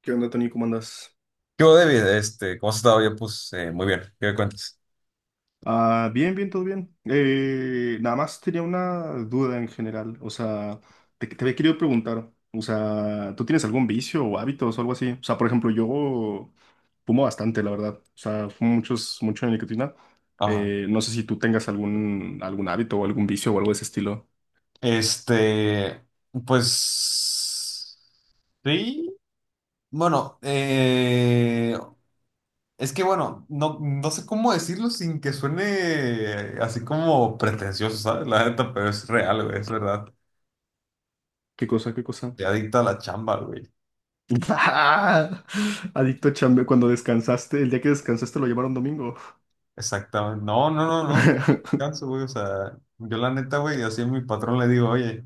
¿Qué onda, Tony? ¿Cómo andas? Yo, David, ¿cómo has estado? Yo, pues, muy bien. ¿Qué me cuentas? Ah, bien, bien, todo bien. Nada más tenía una duda en general. O sea, te había querido preguntar, o sea, ¿tú tienes algún vicio o hábitos o algo así? O sea, por ejemplo, yo fumo bastante, la verdad. O sea, fumo mucho de nicotina. Ajá. No sé si tú tengas algún hábito o algún vicio o algo de ese estilo. Este, pues, sí. Bueno, es que bueno, no sé cómo decirlo sin que suene así como pretencioso, ¿sabes? La neta, pero es real, güey, es verdad. ¿Qué cosa? ¿Qué cosa? Te adicta a la chamba, güey. ¡Ah! Adicto a chambe, cuando descansaste, el día que descansaste lo llevaron domingo. Exactamente. No, no, no, no, no descanso, güey. O sea, yo la neta, güey, así a mi patrón le digo, oye,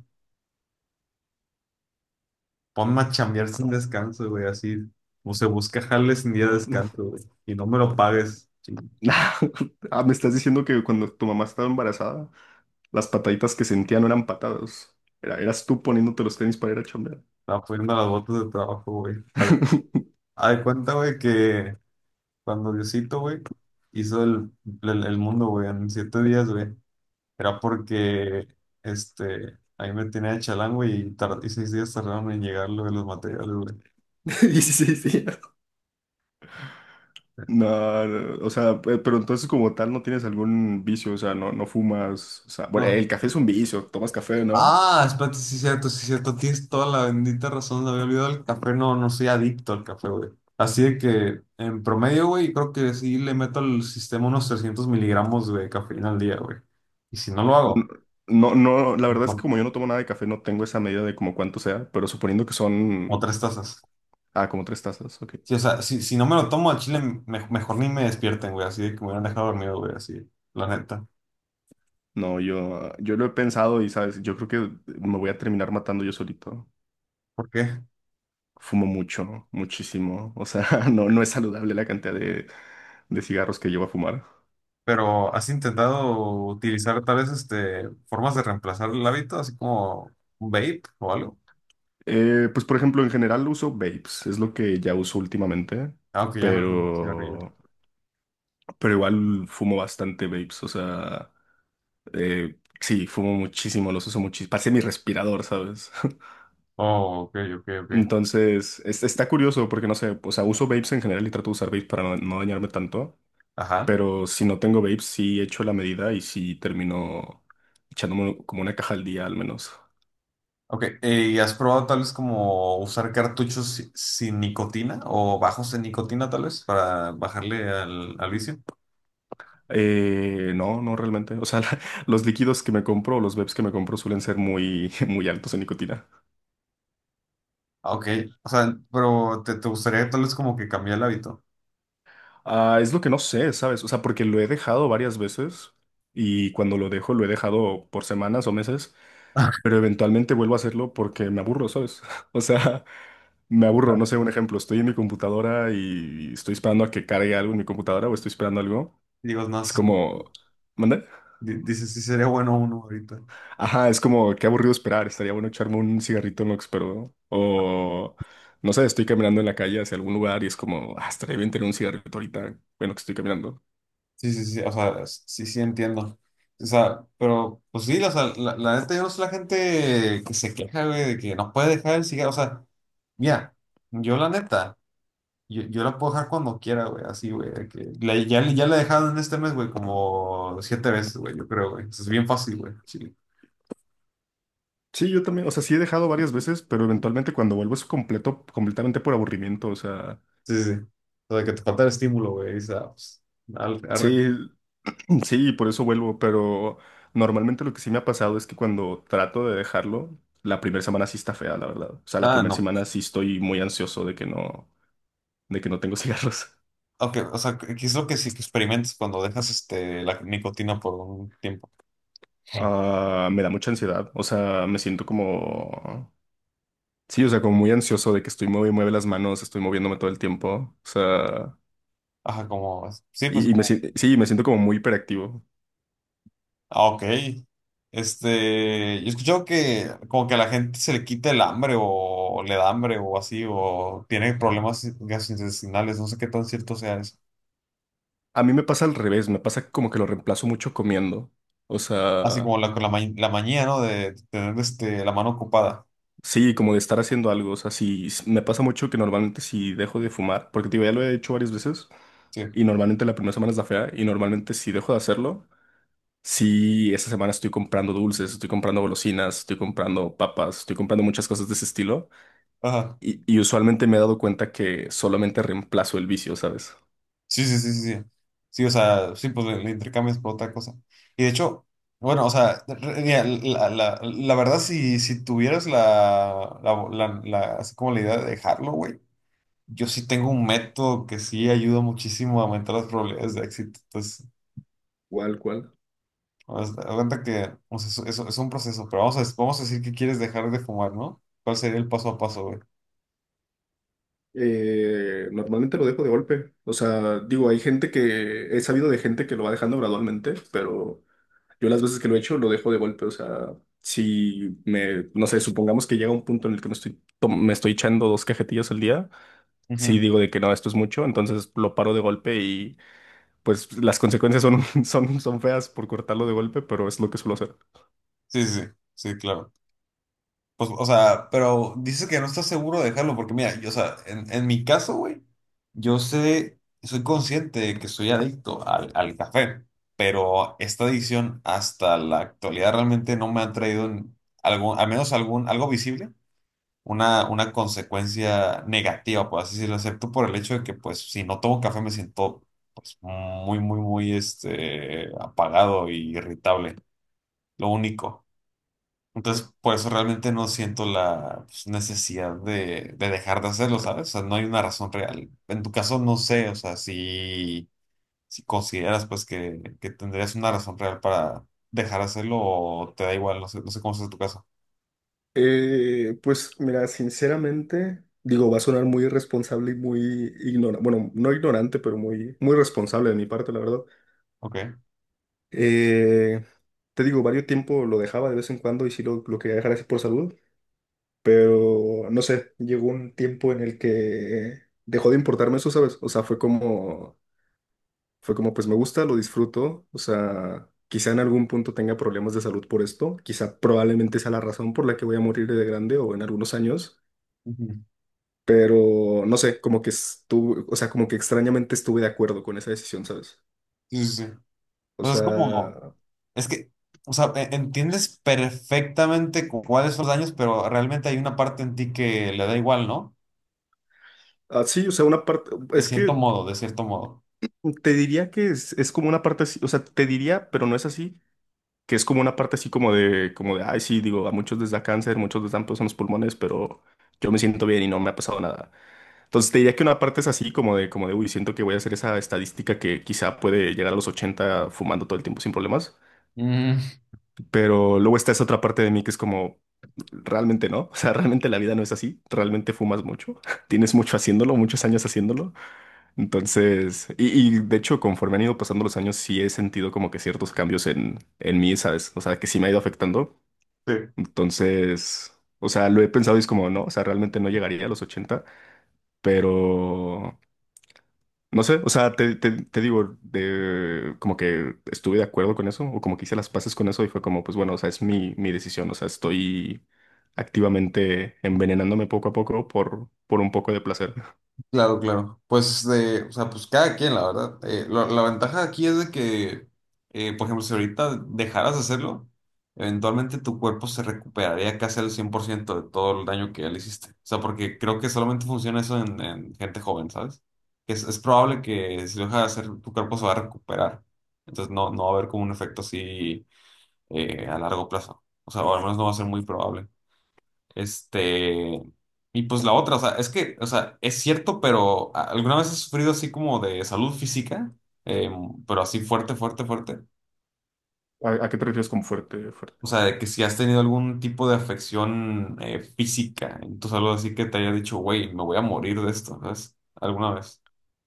ponme a chambear sin descanso, güey. Así, o se busca jales sin día de descanso, güey. Y no me lo pagues. Sí. Ah, me estás diciendo que cuando tu mamá estaba embarazada, las pataditas que sentía no eran patadas. Eras tú poniéndote los tenis para ir a chambear. Estaba poniendo las botas de trabajo, güey. Haz haz de cuenta, güey, que cuando Diosito, güey, hizo el mundo, güey, en 7 días, güey. Era porque ahí me tenía de chalango y 6 días tardaron en llegar lo de los materiales, güey. Sí, sí, sí. No, no, o sea, pero entonces como tal no tienes algún vicio, o sea, no, no fumas, o sea, bueno, No. el café es un vicio, tomas café, ¿no? Ah, espérate, sí, cierto, sí, cierto. Tienes toda la bendita razón. Me había olvidado el café. No, no soy adicto al café, güey. Así de que en promedio, güey, creo que sí le meto al sistema unos 300 miligramos de cafeína al día, güey. Y si no lo hago, N- No, no, la verdad es que mejor, como yo no tomo nada de café, no tengo esa medida de como cuánto sea, pero suponiendo que o son, 3 tazas. ah, como tres tazas, ok. Sí, o sea, si no me lo tomo al chile, mejor ni me despierten, güey. Así de que me hubieran dejado dormido, güey, así, la neta. No, yo lo he pensado y, ¿sabes? Yo creo que me voy a terminar matando yo solito. ¿Por qué? Fumo mucho, ¿no? Muchísimo. O sea, no, no es saludable la cantidad de cigarros que llevo a fumar. Pero ¿has intentado utilizar tal vez formas de reemplazar el hábito, así como un vape o algo? Pues, por ejemplo, en general uso vapes, es lo que ya uso últimamente, Aunque ya no es un cigarrillo. pero, pero igual fumo bastante vapes. O sea, sí, fumo muchísimo, los uso muchísimo. Parece mi respirador, ¿sabes? Oh, ok, ok, ok. Entonces, está curioso porque no sé, o sea, uso vapes en general y trato de usar vapes para no, no dañarme tanto. Ajá. Pero si no tengo babes, sí echo la medida y sí termino echándome como una caja al día al menos. Ok, ¿y has probado tal vez como usar cartuchos sin nicotina o bajos en nicotina tal vez para bajarle al vicio? No, no realmente. O sea, los líquidos que me compro, los vapes que me compro suelen ser muy, muy altos en nicotina. Ah, ok, o sea, pero te gustaría tal vez como que cambiar el hábito. Ah, es lo que no sé, ¿sabes? O sea, porque lo he dejado varias veces y cuando lo dejo, lo he dejado por semanas o meses, pero eventualmente vuelvo a hacerlo porque me aburro, ¿sabes? O sea, me aburro, no sé, un ejemplo, estoy en mi computadora y estoy esperando a que cargue algo en mi computadora o estoy esperando algo. Digo, no, Es sí, como. ¿Manda? Dices, sí sería bueno uno ahorita. Ajá, es como, qué aburrido esperar. Estaría bueno echarme un cigarrito en lo que espero, ¿no? O, no sé, estoy caminando en la calle hacia algún lugar y es como, ah, estaría bien tener un cigarrito ahorita, bueno, que estoy caminando. Sí, sí, sí, o sea, sí, sí entiendo. O sea, pero pues sí, o sea, la neta yo no sé la gente que se queja, güey, de que no puede dejar el cigarro. O sea, mira, yo la neta, yo la puedo dejar cuando quiera, güey, así, güey. De que ya la he dejado en este mes, güey, como 7 veces, güey, yo creo, güey. Es bien fácil, güey, chile. Sí, yo también, o sea, sí he dejado varias veces, pero eventualmente cuando vuelvo es completamente por aburrimiento, o sea, Sí, sí, sí. O sea, que te falta el estímulo, güey, y, o sea, pues, arre. sí, sí, por eso vuelvo, pero normalmente lo que sí me ha pasado es que cuando trato de dejarlo, la primera semana sí está fea, la verdad. O sea, la Ah, primera no. semana sí estoy muy ansioso de que no tengo cigarros. Ok, o sea, ¿qué es lo que sí que experimentes cuando dejas la nicotina por un tiempo? Ah, me da mucha ansiedad, o sea, me siento como, sí, o sea, como muy ansioso de que estoy mueve y mueve las manos, estoy moviéndome todo el tiempo, o sea, Ajá, como, sí, pues y me, como, sí, me siento como muy hiperactivo. ah, ok. Yo he escuchado que como que a la gente se le quita el hambre o le da hambre o así, o tiene problemas gastrointestinales, no sé qué tan cierto sea eso. A mí me pasa al revés, me pasa como que lo reemplazo mucho comiendo, o Así como sea, con la, la manía, ¿no? De tener la mano ocupada. sí, como de estar haciendo algo, o sea, sí, me pasa mucho que normalmente si dejo de fumar, porque te digo, ya lo he hecho varias veces, Sí, y normalmente la primera semana es la fea, y normalmente si dejo de hacerlo, sí, esta semana estoy comprando dulces, estoy comprando golosinas, estoy comprando papas, estoy comprando muchas cosas de ese estilo ajá. y usualmente me he dado cuenta que solamente reemplazo el vicio, ¿sabes? Sí, sí, sí, sí, sí. Sí, o sea, sí, pues le intercambias por otra cosa. Y de hecho, bueno, o sea, mira, la verdad, si tuvieras así como la idea de dejarlo, güey. Yo sí tengo un método que sí ayuda muchísimo a aumentar las probabilidades de éxito. Entonces, ¿Cuál, cuál? haz cuenta que o sea, eso es un proceso, pero vamos a decir que quieres dejar de fumar, ¿no? ¿Cuál sería el paso a paso, güey? Normalmente lo dejo de golpe. O sea, digo, hay gente que he sabido de gente que lo va dejando gradualmente, pero yo las veces que lo he hecho lo dejo de golpe. O sea, si me, no sé, supongamos que llega un punto en el que me estoy, me estoy echando dos cajetillas al día, si Ujú. digo de que no, esto es mucho, entonces lo paro de golpe pues las consecuencias son, son feas por cortarlo de golpe, pero es lo que suelo hacer. Sí, sí, sí, claro. Pues, o sea, pero dices que no estás seguro de dejarlo, porque mira, yo, o sea, en mi caso, güey, yo sé, soy consciente de que soy adicto al café, pero esta adicción hasta la actualidad realmente no me ha traído en algún, al menos algún, algo visible una consecuencia negativa, por así decirlo, excepto por el hecho de que, pues, si no tomo café me siento, pues, muy, muy, muy, apagado e irritable, lo único. Entonces, por eso realmente no siento la pues, necesidad de dejar de hacerlo, ¿sabes? O sea, no hay una razón real. En tu caso, no sé, o sea, si consideras, pues, que tendrías una razón real para dejar de hacerlo o te da igual, no sé, no sé cómo es tu caso. Pues mira, sinceramente, digo, va a sonar muy irresponsable y muy ignorante, bueno, no ignorante, pero muy, muy responsable de mi parte, la verdad. Ok. Eh, te digo, varios tiempo lo dejaba de vez en cuando y sí lo quería dejar así por salud, pero no sé, llegó un tiempo en el que dejó de importarme eso, ¿sabes? O sea, fue como. Fue como, pues me gusta, lo disfruto, o sea, quizá en algún punto tenga problemas de salud por esto, quizá probablemente sea la razón por la que voy a morir de grande o en algunos años, Ujú. pero no sé, como que estuve, o sea, como que extrañamente estuve de acuerdo con esa decisión, ¿sabes? Sí, sí, sí. O Pues es como, sea, es que, o sea, entiendes perfectamente cuáles son los daños, pero realmente hay una parte en ti que le da igual, ¿no? así, o sea, una parte, De es cierto que modo, de cierto modo. te diría que es como una parte así, o sea, te diría, pero no es así, que es como una parte así como de, ay, sí, digo, a muchos les da cáncer, muchos les dan pues en los pulmones, pero yo me siento bien y no me ha pasado nada. Entonces te diría que una parte es así, como de, uy, siento que voy a hacer esa estadística que quizá puede llegar a los 80 fumando todo el tiempo sin problemas, Mm, pero luego está esa otra parte de mí que es como, realmente no, o sea, realmente la vida no es así, realmente fumas mucho, tienes mucho haciéndolo, muchos años haciéndolo, entonces, y de hecho conforme han ido pasando los años sí he sentido como que ciertos cambios en mí, ¿sabes? O sea, que sí me ha ido afectando, sí. entonces, o sea, lo he pensado y es como, no, o sea, realmente no llegaría a los 80. Pero, no sé, o sea, te- te digo, de, como que estuve de acuerdo con eso, o como que hice las paces con eso y fue como, pues bueno, o sea, es mi decisión, o sea, estoy activamente envenenándome poco a poco por un poco de placer. Claro, claro. Pues, de, o sea, pues cada quien, la verdad. La ventaja aquí es de que, por ejemplo, si ahorita dejaras de hacerlo, eventualmente tu cuerpo se recuperaría casi al 100% de todo el daño que ya le hiciste. O sea, porque creo que solamente funciona eso en gente joven, ¿sabes? Es probable que si lo dejas de hacer, tu cuerpo se va a recuperar. Entonces no va a haber como un efecto así a largo plazo. O sea, o al menos no va a ser muy probable. Este, y pues la otra, o sea, es que, o sea, es cierto, pero ¿alguna vez has sufrido así como de salud física? Eh, pero así fuerte, fuerte, fuerte. ¿A qué te refieres con fuerte, fuerte? O sea, de que si has tenido algún tipo de afección física en tu salud, así que te haya dicho, güey, me voy a morir de esto, ¿sabes? ¿Alguna vez?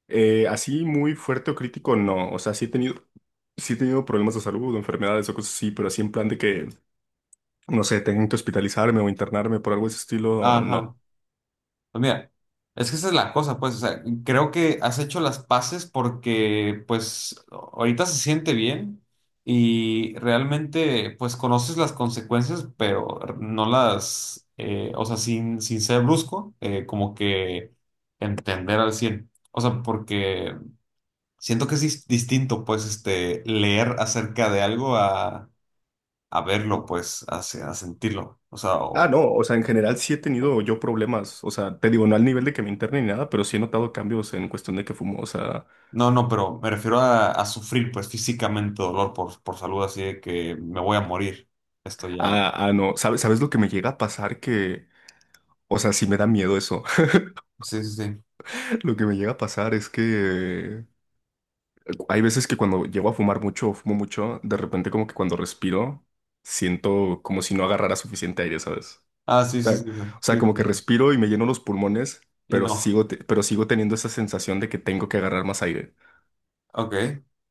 Así muy fuerte o crítico, no, o sea, sí he tenido problemas de salud o enfermedades o cosas así, pero así en plan de que, no sé, tengo que hospitalizarme o internarme por algo de ese estilo, Ajá. no. Pues mira, es que esa es la cosa, pues, o sea, creo que has hecho las paces porque, pues, ahorita se siente bien y realmente, pues, conoces las consecuencias, pero no las, o sea, sin ser brusco, como que entender al cien. O sea, porque siento que es distinto, pues, leer acerca de algo a verlo, pues, a sentirlo. O sea, Ah, no, o sea, en general sí he tenido yo problemas, o sea, te digo, no al nivel de que me interne ni nada, pero sí he notado cambios en cuestión de que fumo, o sea, no, no, pero me refiero a sufrir pues físicamente dolor por salud, así de que me voy a morir. Esto ya. ah, ah, no, ¿sabes, sabes lo que me llega a pasar? Que, o sea, sí me da miedo eso, Sí, sí, sí. lo que me llega a pasar es que hay veces que cuando llego a fumar mucho o fumo mucho, de repente como que cuando respiro, siento como si no agarrara suficiente aire, ¿sabes? Ah, O sí, sí, sea, o sí, sea, sí, sí, sí, como que sí. respiro y me lleno los pulmones, Y pero no. Sigo teniendo esa sensación de que tengo que agarrar más aire. Ok.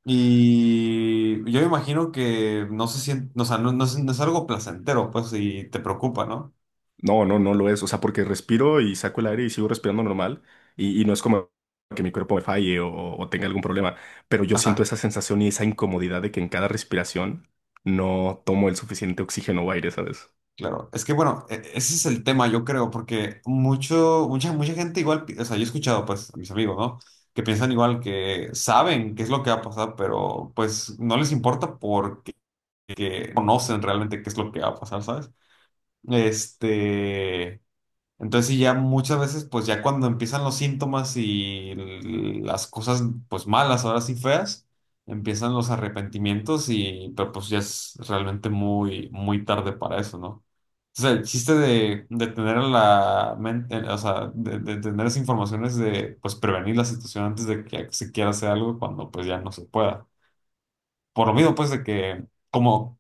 Y yo me imagino que no se siente, o sea, no es algo placentero, pues, y te preocupa, ¿no? No, no, no lo es. O sea, porque respiro y saco el aire y sigo respirando normal y no es como que mi cuerpo me falle o tenga algún problema, pero yo siento Ajá, esa sensación y esa incomodidad de que en cada respiración no tomo el suficiente oxígeno o aire, ¿sabes? claro. Es que bueno, ese es el tema, yo creo, porque mucha gente igual, o sea, yo he escuchado pues a mis amigos, ¿no? Que piensan igual, que saben qué es lo que va a pasar, pero pues no les importa porque que conocen realmente qué es lo que va a pasar, ¿sabes? Este, entonces sí, ya muchas veces, pues ya cuando empiezan los síntomas y las cosas, pues malas, ahora sí feas, empiezan los arrepentimientos y, pero pues ya es realmente muy, muy tarde para eso, ¿no? O sea, el chiste de tener en la mente, o sea, de tener esa información es de, pues, prevenir la situación antes de que se quiera hacer algo cuando, pues, ya no se pueda. Por lo mismo, pues, de que como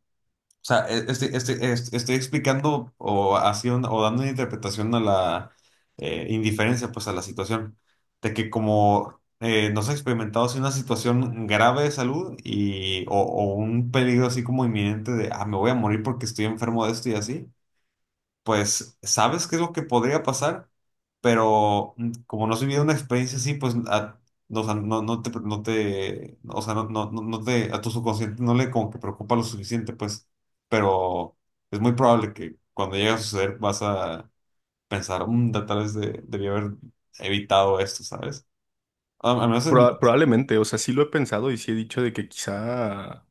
o sea, estoy explicando o, haciendo, o dando una interpretación a la indiferencia, pues a la situación, de que como no se ha experimentado así una situación grave de salud y, o un peligro así como inminente de, ah, me voy a morir porque estoy enfermo de esto y así, pues sabes qué es lo que podría pasar, pero como no has vivido una experiencia así, pues no, o sea, no te, o sea, no te, a tu subconsciente no le como que preocupa lo suficiente, pues, pero es muy probable que cuando llegue a suceder vas a pensar, "Tal vez debí haber evitado esto, ¿sabes?" Al menos en mi caso. Probablemente, o sea, sí lo he pensado y sí he dicho de que quizá,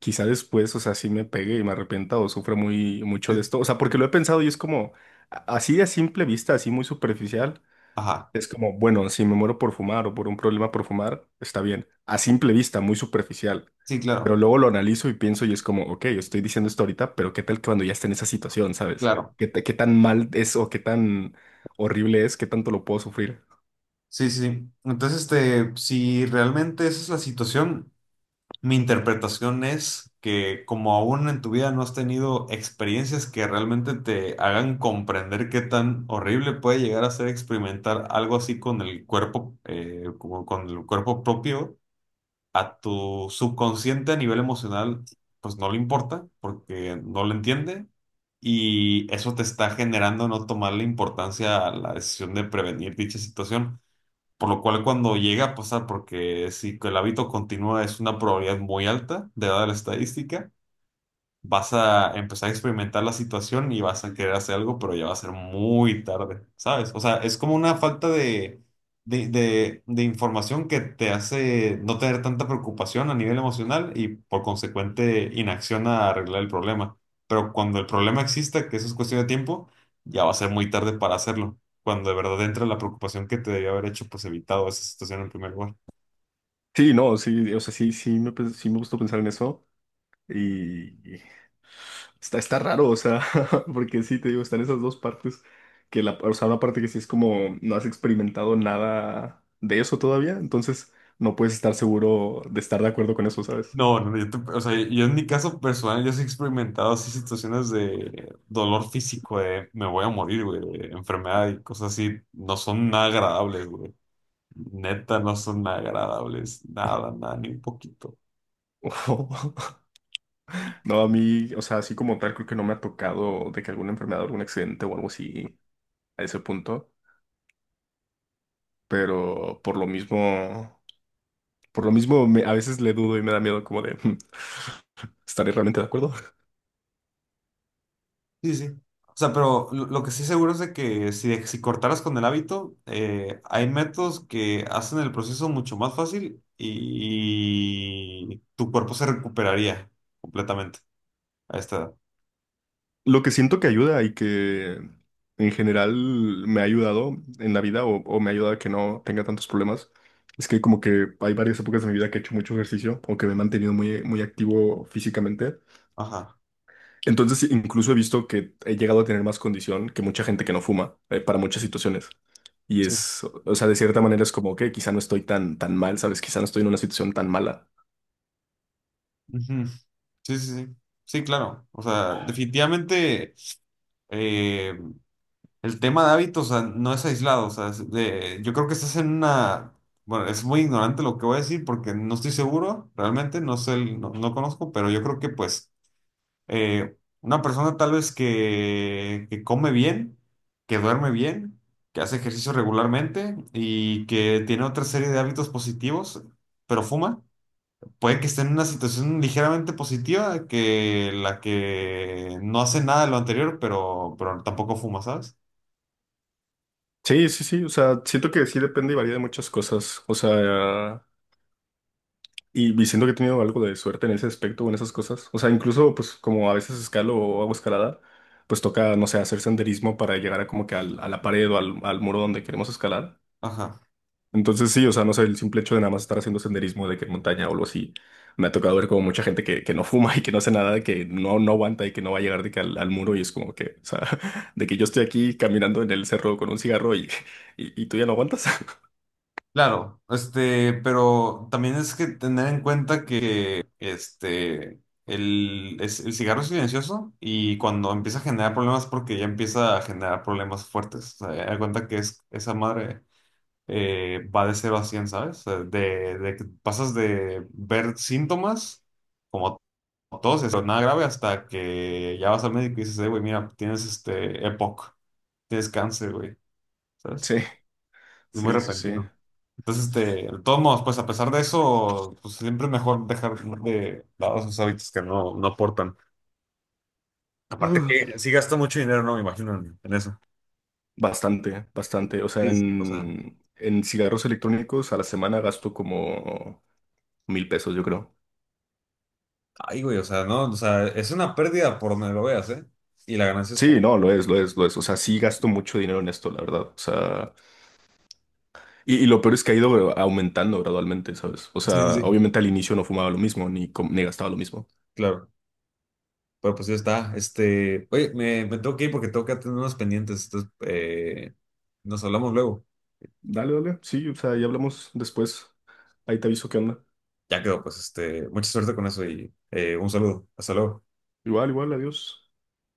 quizá después, o sea, sí me pegue y me arrepienta o sufra muy mucho de Eh, esto. O sea, porque lo he pensado y es como así a simple vista, así muy superficial. Ajá, Es como, bueno, si me muero por fumar o por un problema por fumar, está bien. A simple vista, muy superficial. sí, Pero claro, luego lo analizo y pienso y es como, ok, estoy diciendo esto ahorita, pero ¿qué tal que cuando ya esté en esa situación, ¿sabes? claro. ¿Qué, qué tan mal es o qué tan horrible es? ¿Qué tanto lo puedo sufrir? Sí, sí. Entonces, si realmente esa es la situación, mi interpretación es que como aún en tu vida no has tenido experiencias que realmente te hagan comprender qué tan horrible puede llegar a ser experimentar algo así con el cuerpo, como con el cuerpo propio, a tu subconsciente a nivel emocional, pues no le importa porque no lo entiende y eso te está generando no tomarle importancia a la decisión de prevenir dicha situación por lo cual cuando llega a pasar, porque si el hábito continúa es una probabilidad muy alta de dada la estadística, vas a empezar a experimentar la situación y vas a querer hacer algo, pero ya va a ser muy tarde, ¿sabes? O sea, es como una falta de, de información que te hace no tener tanta preocupación a nivel emocional y por consecuente inacción a arreglar el problema. Pero cuando el problema exista, que eso es cuestión de tiempo, ya va a ser muy tarde para hacerlo. Cuando de verdad entra la preocupación que te debió haber hecho, pues evitado esa situación en primer lugar. Sí, no, sí, o sea, sí, sí sí me gustó pensar en eso. Y está raro, o sea, porque sí, te digo, están esas dos partes, que la, o sea, una parte que sí es como no has experimentado nada de eso todavía, entonces no puedes estar seguro de estar de acuerdo con eso, ¿sabes? No, no, yo, o sea, yo en mi caso personal, yo sí he experimentado así situaciones de dolor físico, de me voy a morir, güey, de enfermedad y cosas así, no son nada agradables, güey. Neta, no son nada agradables, nada, nada, ni un poquito. No, a mí, o sea, así como tal, creo que no me ha tocado de que alguna enfermedad, algún accidente o algo así a ese punto, pero por lo mismo, a veces le dudo y me da miedo como de, ¿estaré realmente de acuerdo? Sí, sí. O sea, pero lo que sí seguro es de que si, si cortaras con el hábito, hay métodos que hacen el proceso mucho más fácil y, tu cuerpo se recuperaría completamente a esta edad. Lo que siento que ayuda y que en general me ha ayudado en la vida o me ha ayudado a que no tenga tantos problemas es que como que hay varias épocas de mi vida que he hecho mucho ejercicio o que me he mantenido muy, muy activo físicamente. Ajá. Entonces sí, incluso he visto que he llegado a tener más condición que mucha gente que no fuma, para muchas situaciones. Y Sí. es, o sea, de cierta manera es como que quizá no estoy tan, tan mal, ¿sabes? Quizá no estoy en una situación tan mala. Ujú. Sí, sí, sí. Sí, claro. O sea, definitivamente eh, el tema de hábitos, o sea, no es aislado. O sea, es yo creo que estás en una... Bueno, es muy ignorante lo que voy a decir porque no estoy seguro, realmente, no sé, no, no conozco, pero yo creo que pues una persona tal vez que come bien, que duerme bien, que hace ejercicio regularmente y que tiene otra serie de hábitos positivos, pero fuma puede que esté en una situación ligeramente positiva que la que no hace nada de lo anterior, pero, tampoco fuma, ¿sabes? Sí, sí, sí, o sea, siento que sí depende y varía de muchas cosas. O sea. Y siento que he tenido algo de suerte en ese aspecto en esas cosas. O sea, incluso pues como a veces escalo o hago escalada, pues toca, no sé, hacer senderismo para llegar a como que a la pared o al muro donde queremos escalar. Ajá. Entonces sí, o sea, no sé, el simple hecho de nada más estar haciendo senderismo de que en montaña o algo así, me ha tocado ver como mucha gente que no fuma y que no hace nada, que no, no aguanta y que no va a llegar de que al muro y es como que, o sea, de que yo estoy aquí caminando en el cerro con un cigarro y, y tú ya no aguantas. Claro, pero también es que tener en cuenta que el cigarro es silencioso y cuando empieza a generar problemas porque ya empieza a generar problemas fuertes. O sea, da cuenta que esa madre va de 0 a 100, ¿sabes? O sea, de que pasas de ver síntomas como todos, eso, nada grave, hasta que ya vas al médico y dices, güey, mira, tienes este EPOC, tienes cáncer, güey, ¿sabes? Sí, Es muy, sí, sí, eso sí. repentino. Entonces, de todos modos, pues a pesar de eso, pues siempre es mejor dejar de lado esos hábitos que no aportan. Aparte que sí gasta mucho dinero, ¿no? Me imagino en eso. Bastante, bastante. O sea, Sí, sí, o sea, en cigarros electrónicos a la semana gasto como 1,000 pesos, yo creo. ay, güey, o sea, no, o sea, es una pérdida por donde lo veas, ¿eh? Y la ganancia es Sí, poca. no, lo es, lo es, lo es. O sea, sí gasto mucho dinero en esto, la verdad. O sea, y lo peor es que ha ido aumentando gradualmente, ¿sabes? O Sí, sí, sea, sí. obviamente al inicio no fumaba lo mismo, ni gastaba lo mismo. Claro. Pero pues ya está. Oye, me tengo que ir porque tengo que atender unos pendientes. Entonces, nos hablamos luego. Dale, dale. Sí, o sea, ya hablamos después. Ahí te aviso qué onda. Ya quedó, pues, mucha suerte con eso y un saludo. Hasta luego. Igual, igual, adiós.